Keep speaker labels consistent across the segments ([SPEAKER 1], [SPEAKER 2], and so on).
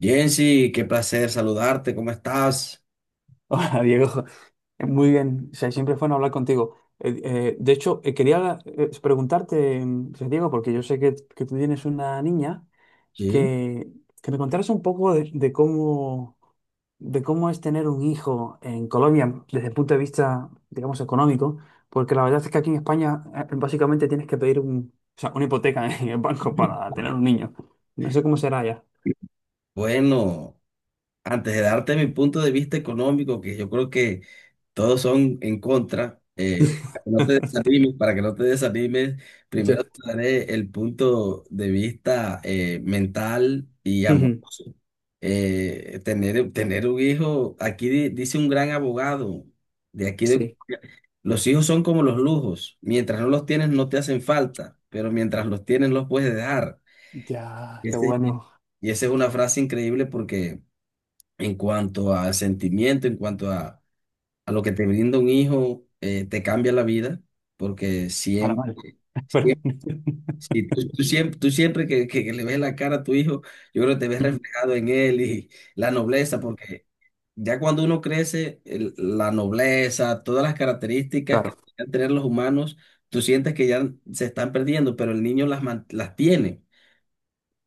[SPEAKER 1] Jensi, qué placer saludarte, ¿cómo estás?
[SPEAKER 2] Hola, Diego, muy bien. O sea, siempre fue bueno hablar contigo. De hecho, quería preguntarte, o sea, Diego, porque yo sé que tú tienes una niña,
[SPEAKER 1] Sí,
[SPEAKER 2] que, que me contaras un poco de cómo es tener un hijo en Colombia desde el punto de vista, digamos, económico. Porque la verdad es que aquí en España básicamente tienes que pedir o sea, una hipoteca en el banco para tener un niño. No sé cómo será ya.
[SPEAKER 1] bueno, antes de darte mi punto de vista económico, que yo creo que todos son en contra, para que no te desanimes, para que no te desanimes,
[SPEAKER 2] Ya.
[SPEAKER 1] primero te daré el punto de vista mental y
[SPEAKER 2] Ujú.
[SPEAKER 1] amoroso. Tener, un hijo, aquí dice un gran abogado, de aquí de,
[SPEAKER 2] Sí.
[SPEAKER 1] los hijos son como los lujos, mientras no los tienes no te hacen falta, pero mientras los tienes los puedes dejar.
[SPEAKER 2] Ya,
[SPEAKER 1] Y
[SPEAKER 2] qué
[SPEAKER 1] ese-
[SPEAKER 2] bueno.
[SPEAKER 1] y esa es una frase increíble porque en cuanto a sentimiento, en cuanto a lo que te brinda un hijo, te cambia la vida, porque
[SPEAKER 2] Para mal.
[SPEAKER 1] siempre,
[SPEAKER 2] Perdón.
[SPEAKER 1] siempre si tú siempre, que, que le ves la cara a tu hijo, yo creo que te ves reflejado en él y la nobleza, porque ya cuando uno crece, la nobleza, todas las características
[SPEAKER 2] Claro.
[SPEAKER 1] que deben tener los humanos, tú sientes que ya se están perdiendo, pero el niño las, las tiene.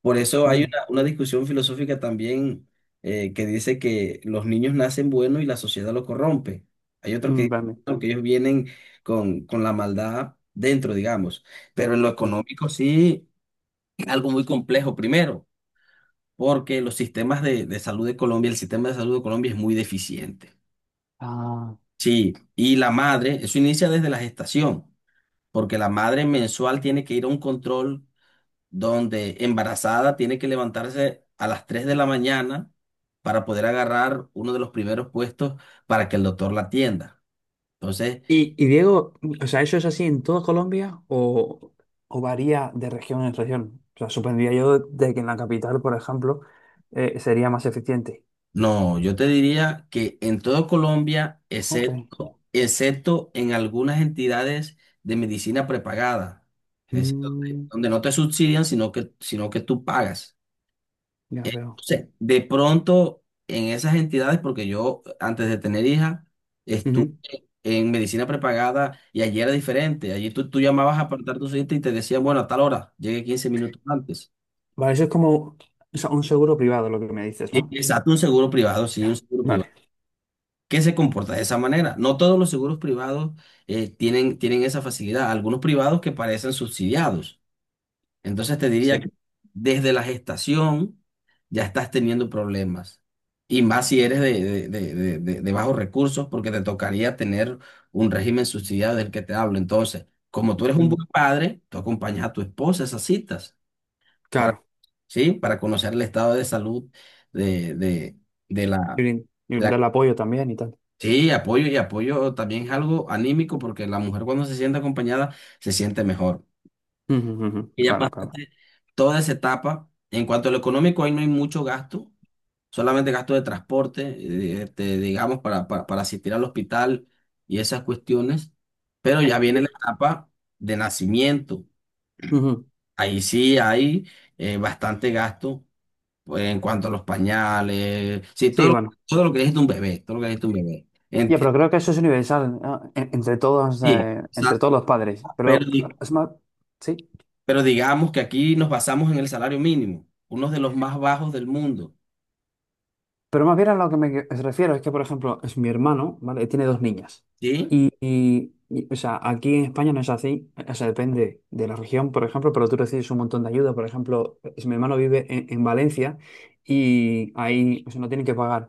[SPEAKER 1] Por eso hay
[SPEAKER 2] Mm.
[SPEAKER 1] una discusión filosófica también que dice que los niños nacen buenos y la sociedad los corrompe. Hay otros que
[SPEAKER 2] Mm.
[SPEAKER 1] dicen:
[SPEAKER 2] Vale.
[SPEAKER 1] "No, que ellos vienen con la maldad dentro, digamos". Pero en lo económico sí, algo muy complejo primero, porque los sistemas de salud de Colombia, el sistema de salud de Colombia es muy deficiente.
[SPEAKER 2] Ah,
[SPEAKER 1] Sí, y la madre, eso inicia desde la gestación, porque la madre mensual tiene que ir a un control donde embarazada tiene que levantarse a las 3 de la mañana para poder agarrar uno de los primeros puestos para que el doctor la atienda. Entonces,
[SPEAKER 2] y Diego, o sea, ¿eso es así en toda Colombia o varía de región en región? O sea, supondría yo de que en la capital, por ejemplo, sería más eficiente.
[SPEAKER 1] no, yo te diría que en todo Colombia,
[SPEAKER 2] Ok.
[SPEAKER 1] excepto en algunas entidades de medicina prepagada, es decir, donde,
[SPEAKER 2] Mm,
[SPEAKER 1] donde no te subsidian, sino que tú pagas.
[SPEAKER 2] ya veo.
[SPEAKER 1] Entonces, de pronto, en esas entidades, porque yo antes de tener hija,
[SPEAKER 2] Ujú.
[SPEAKER 1] en medicina prepagada y allí era diferente. Allí tú llamabas a apartar tu cita y te decían, bueno, a tal hora, llegue 15 minutos antes.
[SPEAKER 2] Vale, eso es como, o sea, un seguro privado lo que me dices, ¿no?
[SPEAKER 1] Exacto, un seguro privado, sí, un
[SPEAKER 2] Ya.
[SPEAKER 1] seguro
[SPEAKER 2] Vale,
[SPEAKER 1] privado. ¿Que se comporta de esa manera? No todos los seguros privados tienen, esa facilidad. Algunos privados que parecen subsidiados. Entonces te diría
[SPEAKER 2] sí.
[SPEAKER 1] que desde la gestación ya estás teniendo problemas. Y más si eres de, de bajos recursos, porque te tocaría tener un régimen subsidiado del que te hablo. Entonces, como tú eres un
[SPEAKER 2] Mm,
[SPEAKER 1] buen padre, tú acompañas a tu esposa a esas citas para,
[SPEAKER 2] claro.
[SPEAKER 1] ¿sí?, para conocer el estado de salud de, de
[SPEAKER 2] Y
[SPEAKER 1] la,
[SPEAKER 2] brin- y
[SPEAKER 1] de la-
[SPEAKER 2] brindar el apoyo también y tal.
[SPEAKER 1] sí, apoyo, y apoyo también es algo anímico porque la mujer cuando se siente acompañada se siente mejor.
[SPEAKER 2] Ujú, ujú, ujú.
[SPEAKER 1] Ella
[SPEAKER 2] Claro, claro.
[SPEAKER 1] toda esa etapa. En cuanto a lo económico, ahí no hay mucho gasto, solamente gasto de transporte, este, digamos, para, para asistir al hospital y esas cuestiones. Pero ya viene la
[SPEAKER 2] Eh,
[SPEAKER 1] etapa de nacimiento.
[SPEAKER 2] ujú.
[SPEAKER 1] Ahí sí hay bastante gasto, pues en cuanto a los pañales, sí,
[SPEAKER 2] Sí, bueno.
[SPEAKER 1] todo lo que necesita un bebé, En
[SPEAKER 2] Ya, pero creo que eso es universal, ¿no?
[SPEAKER 1] sí,
[SPEAKER 2] Entre
[SPEAKER 1] exacto.
[SPEAKER 2] todos los padres.
[SPEAKER 1] Pero,
[SPEAKER 2] Pero es más, sí.
[SPEAKER 1] pero digamos que aquí nos basamos en el salario mínimo, uno de los más bajos del mundo,
[SPEAKER 2] Pero más bien a lo que me refiero es que, por ejemplo, es mi hermano, ¿vale? Tiene dos niñas.
[SPEAKER 1] ¿sí?
[SPEAKER 2] Y, o sea, aquí en España no es así. O sea, depende de la región, por ejemplo, pero tú recibes un montón de ayuda. Por ejemplo, mi hermano vive en Valencia y ahí, o sea, no tienen que pagar,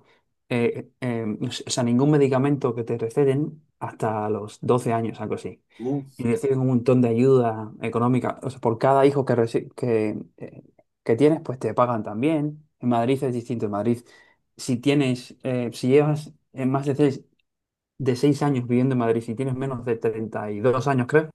[SPEAKER 2] o sea, ningún medicamento que te receten hasta los 12 años, algo así, y
[SPEAKER 1] Uf,
[SPEAKER 2] reciben un montón de ayuda económica. O sea, por cada hijo que tienes, pues te pagan también. En Madrid es distinto. En Madrid, si llevas más de 6 años viviendo en Madrid, si tienes menos de 32 años, creo,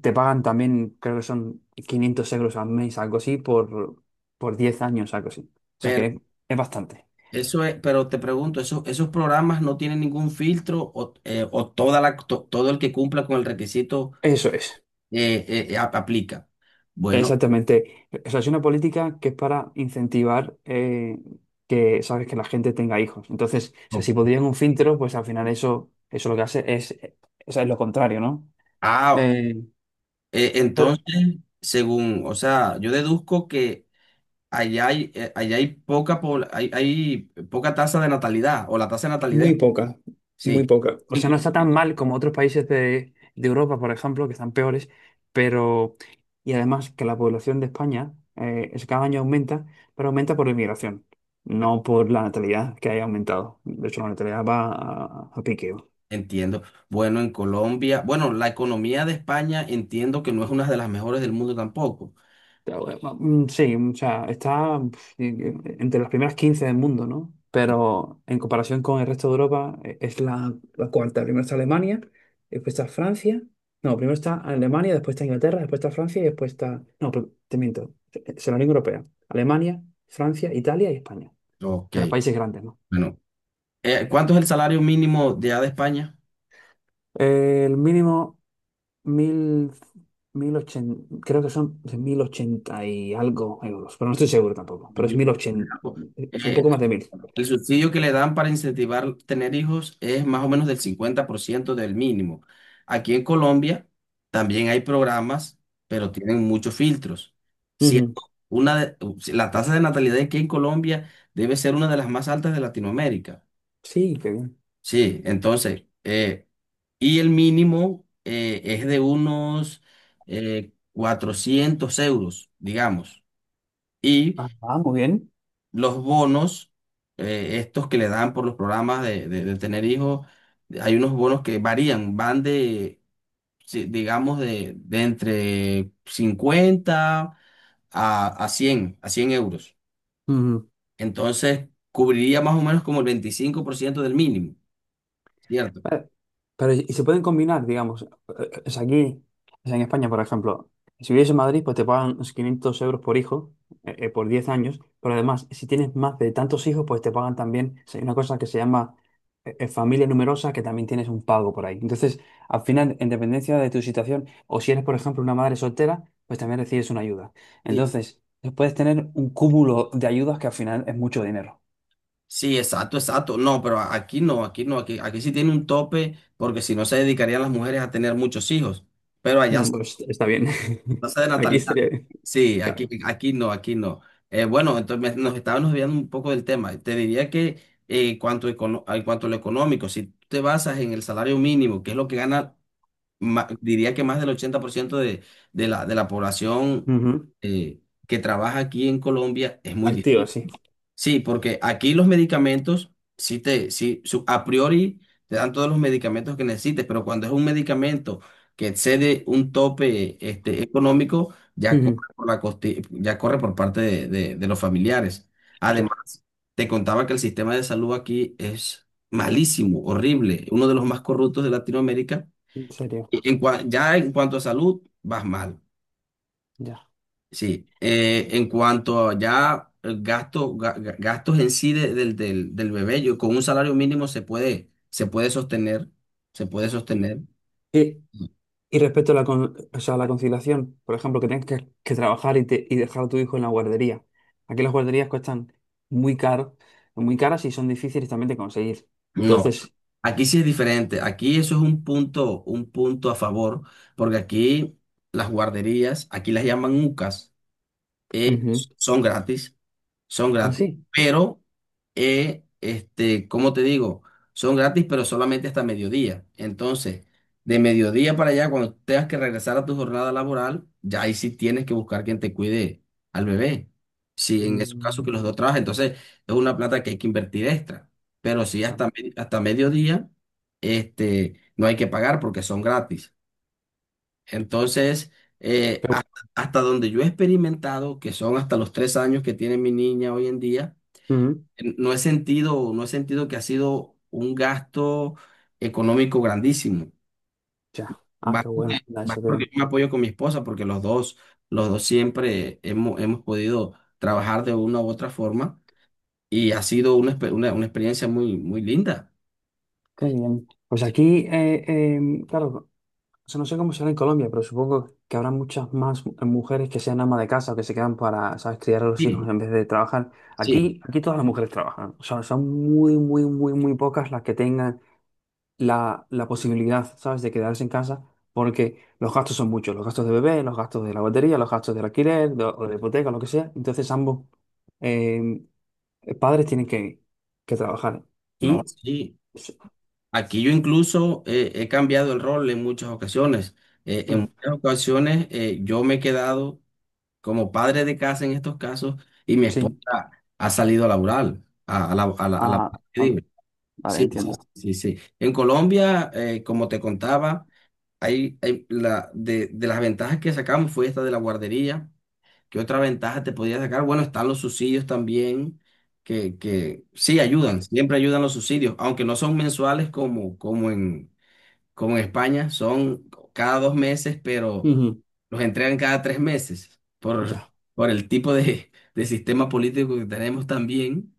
[SPEAKER 2] te pagan también, creo que son 500 euros al mes, algo así, por 10 años, algo así. O sea
[SPEAKER 1] pero
[SPEAKER 2] que es bastante.
[SPEAKER 1] eso es. Pero te pregunto, ¿esos programas no tienen ningún filtro, o toda la, todo el que cumpla con el requisito
[SPEAKER 2] Eso es,
[SPEAKER 1] aplica? Bueno,
[SPEAKER 2] exactamente. O sea, es una política que es para incentivar sabes, que la gente tenga hijos. Entonces, o sea,
[SPEAKER 1] oh,
[SPEAKER 2] si podrían un filtro, pues al final eso lo que hace o sea, es lo contrario, ¿no?
[SPEAKER 1] ah,
[SPEAKER 2] Eh,
[SPEAKER 1] entonces, según, o sea, yo deduzco que allá hay poca, hay, poca tasa de natalidad, o la tasa de natalidad,
[SPEAKER 2] Muy poca,
[SPEAKER 1] sí,
[SPEAKER 2] muy poca. O sea, no está tan mal como otros países de Europa, por ejemplo, que están peores, pero... Y además, que la población de España es cada año aumenta, pero aumenta por inmigración, no por la natalidad que haya aumentado. De hecho, la natalidad va a pique.
[SPEAKER 1] entiendo. Bueno, en Colombia, bueno, la economía de España entiendo que no es una de las mejores del mundo tampoco.
[SPEAKER 2] Mm. Sí, o sea, está, entre las primeras 15 del mundo, ¿no? Pero en comparación con el resto de Europa, es la cuarta. Primero está Alemania, después está Francia. No, primero está Alemania, después está Inglaterra, después está Francia y después está. No, pero te miento. Es la Unión Europea. Alemania, Francia, Italia y España.
[SPEAKER 1] Ok,
[SPEAKER 2] De los países grandes, ¿no?
[SPEAKER 1] bueno. ¿Cuánto es el salario mínimo de allá de España?
[SPEAKER 2] El mínimo, mil, 1080, creo que son 1080 y algo euros, pero no estoy seguro tampoco. Pero es 1080, es un
[SPEAKER 1] Eh,
[SPEAKER 2] poco más de 1000.
[SPEAKER 1] el subsidio que le dan para incentivar tener hijos es más o menos del 50% del mínimo. Aquí en Colombia también hay programas, pero tienen muchos filtros. Siendo
[SPEAKER 2] Ujú.
[SPEAKER 1] si la tasa de natalidad aquí en Colombia debe ser una de las más altas de Latinoamérica.
[SPEAKER 2] Sí, qué bien.
[SPEAKER 1] Sí, entonces, y el mínimo es de unos 400 euros, digamos. Y
[SPEAKER 2] Ah, ah, muy bien.
[SPEAKER 1] los bonos, estos que le dan por los programas de tener hijos, hay unos bonos que varían, van de, digamos, de entre 50 a, a 100 euros.
[SPEAKER 2] Ujú.
[SPEAKER 1] Entonces, cubriría más o menos como el 25% del mínimo, ¿cierto?
[SPEAKER 2] Eh, Pero, y se pueden combinar, digamos, eh, es aquí, es en España, por ejemplo, si vives en Madrid, pues te pagan unos 500 euros por hijo, por 10 años, pero además, si tienes más de tantos hijos, pues te pagan también. O sea, hay una cosa que se llama familia numerosa, que también tienes un pago por ahí. Entonces, al final, en dependencia de tu situación, o si eres, por ejemplo, una madre soltera, pues también recibes una ayuda.
[SPEAKER 1] Sí,
[SPEAKER 2] Entonces, puedes tener un cúmulo de ayudas que al final es mucho dinero.
[SPEAKER 1] sí, exacto, exacto. No, pero aquí no, aquí no, aquí, sí tiene un tope, porque si no se dedicarían las mujeres a tener muchos hijos. Pero allá
[SPEAKER 2] Mm. Pues está bien.
[SPEAKER 1] tasa de
[SPEAKER 2] Aquí
[SPEAKER 1] natalidad.
[SPEAKER 2] estaría bien.
[SPEAKER 1] Sí, aquí,
[SPEAKER 2] Claro.
[SPEAKER 1] aquí no. Bueno, entonces nos estábamos olvidando un poco del tema. Te diría que en cuanto a lo económico, si tú te basas en el salario mínimo, que es lo que gana, diría que más del 80% de de la población
[SPEAKER 2] Ujú.
[SPEAKER 1] eh, que trabaja aquí en Colombia, es muy
[SPEAKER 2] Activo,
[SPEAKER 1] difícil.
[SPEAKER 2] sí.
[SPEAKER 1] Sí, porque aquí los medicamentos, a priori te dan todos los medicamentos que necesites, pero cuando es un medicamento que excede un tope, este, económico, ya corre
[SPEAKER 2] Ujú.
[SPEAKER 1] por la ya corre por parte de, de los familiares.
[SPEAKER 2] Ya,
[SPEAKER 1] Además, te contaba que el sistema de salud aquí es malísimo, horrible, uno de los más corruptos de Latinoamérica.
[SPEAKER 2] en serio,
[SPEAKER 1] Y en ya en cuanto a salud, vas mal.
[SPEAKER 2] ya.
[SPEAKER 1] Sí, en cuanto a ya el gasto, gastos en sí del bebé, yo con un salario mínimo se puede, se puede sostener.
[SPEAKER 2] Y, y respecto a o sea, a la conciliación, por ejemplo, que tengas que trabajar y dejar a tu hijo en la guardería. Aquí las guarderías cuestan muy caro, muy caras y son difíciles también de conseguir.
[SPEAKER 1] No,
[SPEAKER 2] Entonces,
[SPEAKER 1] aquí sí es diferente. Aquí eso es un punto a favor, porque aquí las guarderías, aquí las llaman UCAS. eh,
[SPEAKER 2] ujú.
[SPEAKER 1] son gratis, son
[SPEAKER 2] Ah,
[SPEAKER 1] gratis,
[SPEAKER 2] sí.
[SPEAKER 1] pero, este, ¿cómo te digo? Son gratis, pero solamente hasta mediodía. Entonces, de mediodía para allá, cuando tengas que regresar a tu jornada laboral, ya ahí sí tienes que buscar quien te cuide al bebé. Si en esos casos que
[SPEAKER 2] Mm,
[SPEAKER 1] los dos trabajan, entonces es una plata que hay que invertir extra. Pero si hasta,
[SPEAKER 2] nada.
[SPEAKER 1] hasta mediodía, este, no hay que pagar porque son gratis. Entonces, eh,
[SPEAKER 2] Qué
[SPEAKER 1] ha- hasta donde yo he experimentado, que son hasta los 3 años que tiene mi niña hoy en día,
[SPEAKER 2] bueno. Ujú.
[SPEAKER 1] no he sentido, que ha sido un gasto económico grandísimo.
[SPEAKER 2] Ya. Ah,
[SPEAKER 1] Va,
[SPEAKER 2] qué bueno. Eso qué
[SPEAKER 1] porque
[SPEAKER 2] bien.
[SPEAKER 1] yo me apoyo con mi esposa, porque los dos siempre hemos podido trabajar de una u otra forma y ha sido una experiencia muy, muy linda.
[SPEAKER 2] Qué bien. Pues
[SPEAKER 1] Sí,
[SPEAKER 2] aquí, claro. O sea, no sé cómo será en Colombia, pero supongo que habrá muchas más mujeres que sean amas de casa o que se quedan para, ¿sabes?, criar a los hijos
[SPEAKER 1] sí,
[SPEAKER 2] en vez de trabajar.
[SPEAKER 1] sí,
[SPEAKER 2] Aquí, aquí todas las mujeres trabajan. O sea, son muy, muy, muy, muy pocas las que tengan la posibilidad, ¿sabes?, de quedarse en casa porque los gastos son muchos. Los gastos de bebé, los gastos de la batería, los gastos del alquiler o de la hipoteca, lo que sea. Entonces, ambos eh, padres tienen que trabajar.
[SPEAKER 1] no,
[SPEAKER 2] Y...
[SPEAKER 1] sí. Aquí yo incluso he cambiado el rol en muchas ocasiones. En
[SPEAKER 2] Mm.
[SPEAKER 1] muchas ocasiones yo me he quedado como padre de casa en estos casos y mi
[SPEAKER 2] Sí.
[SPEAKER 1] esposa ha salido a laborar, a, a la, a la- a la-
[SPEAKER 2] Ah,
[SPEAKER 1] ¿qué
[SPEAKER 2] ah,
[SPEAKER 1] digo?
[SPEAKER 2] vale,
[SPEAKER 1] Sí, sí,
[SPEAKER 2] entiendo.
[SPEAKER 1] sí, sí. En Colombia, como te contaba, de las ventajas que sacamos fue esta de la guardería. ¿Qué otra ventaja te podía sacar? Bueno, están los subsidios también que sí ayudan, siempre ayudan los subsidios, aunque no son mensuales como, como en España, son cada 2 meses, pero
[SPEAKER 2] Ujú.
[SPEAKER 1] los entregan cada 3 meses
[SPEAKER 2] Ya.
[SPEAKER 1] por el tipo de sistema político que tenemos también,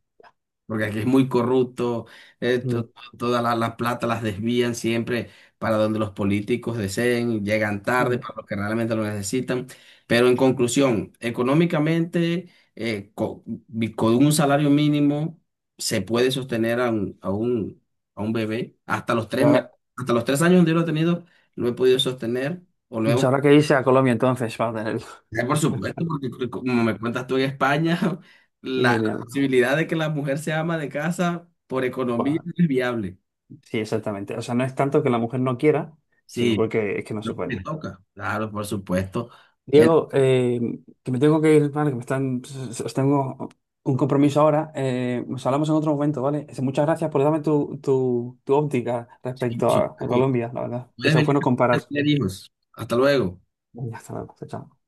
[SPEAKER 1] porque aquí es muy corrupto, eh,
[SPEAKER 2] Mm.
[SPEAKER 1] to- todas las plata las desvían siempre para donde los políticos deseen, llegan tarde
[SPEAKER 2] Mm.
[SPEAKER 1] para los que realmente lo necesitan. Pero en conclusión, económicamente, con un salario mínimo se puede sostener a un, a un bebé hasta los
[SPEAKER 2] Y
[SPEAKER 1] tres,
[SPEAKER 2] ahora,
[SPEAKER 1] hasta los 3 años. Donde yo lo he tenido, lo he podido sostener o lo
[SPEAKER 2] y
[SPEAKER 1] hemos.
[SPEAKER 2] ahora que irse a Colombia, entonces va a tener.
[SPEAKER 1] Por supuesto, porque como me cuentas tú en España, la,
[SPEAKER 2] Genial.
[SPEAKER 1] posibilidad de que la mujer se ama de casa por economía
[SPEAKER 2] Va.
[SPEAKER 1] es viable.
[SPEAKER 2] Sí, exactamente. O sea, no es tanto que la mujer no quiera, sino
[SPEAKER 1] Sí,
[SPEAKER 2] porque es que no
[SPEAKER 1] lo
[SPEAKER 2] se
[SPEAKER 1] que le
[SPEAKER 2] puede.
[SPEAKER 1] toca. Claro, por supuesto. Eh,
[SPEAKER 2] Diego, que me tengo que ir, ¿vale? Os tengo un compromiso ahora. Nos hablamos en otro momento, ¿vale? Muchas gracias por darme tu óptica
[SPEAKER 1] sí,
[SPEAKER 2] respecto
[SPEAKER 1] por
[SPEAKER 2] a
[SPEAKER 1] supuesto.
[SPEAKER 2] Colombia, la verdad.
[SPEAKER 1] Puedes
[SPEAKER 2] Eso es
[SPEAKER 1] venir
[SPEAKER 2] bueno
[SPEAKER 1] a
[SPEAKER 2] comparar.
[SPEAKER 1] tener hijos. Hasta luego.
[SPEAKER 2] Venga, hasta luego. Chao.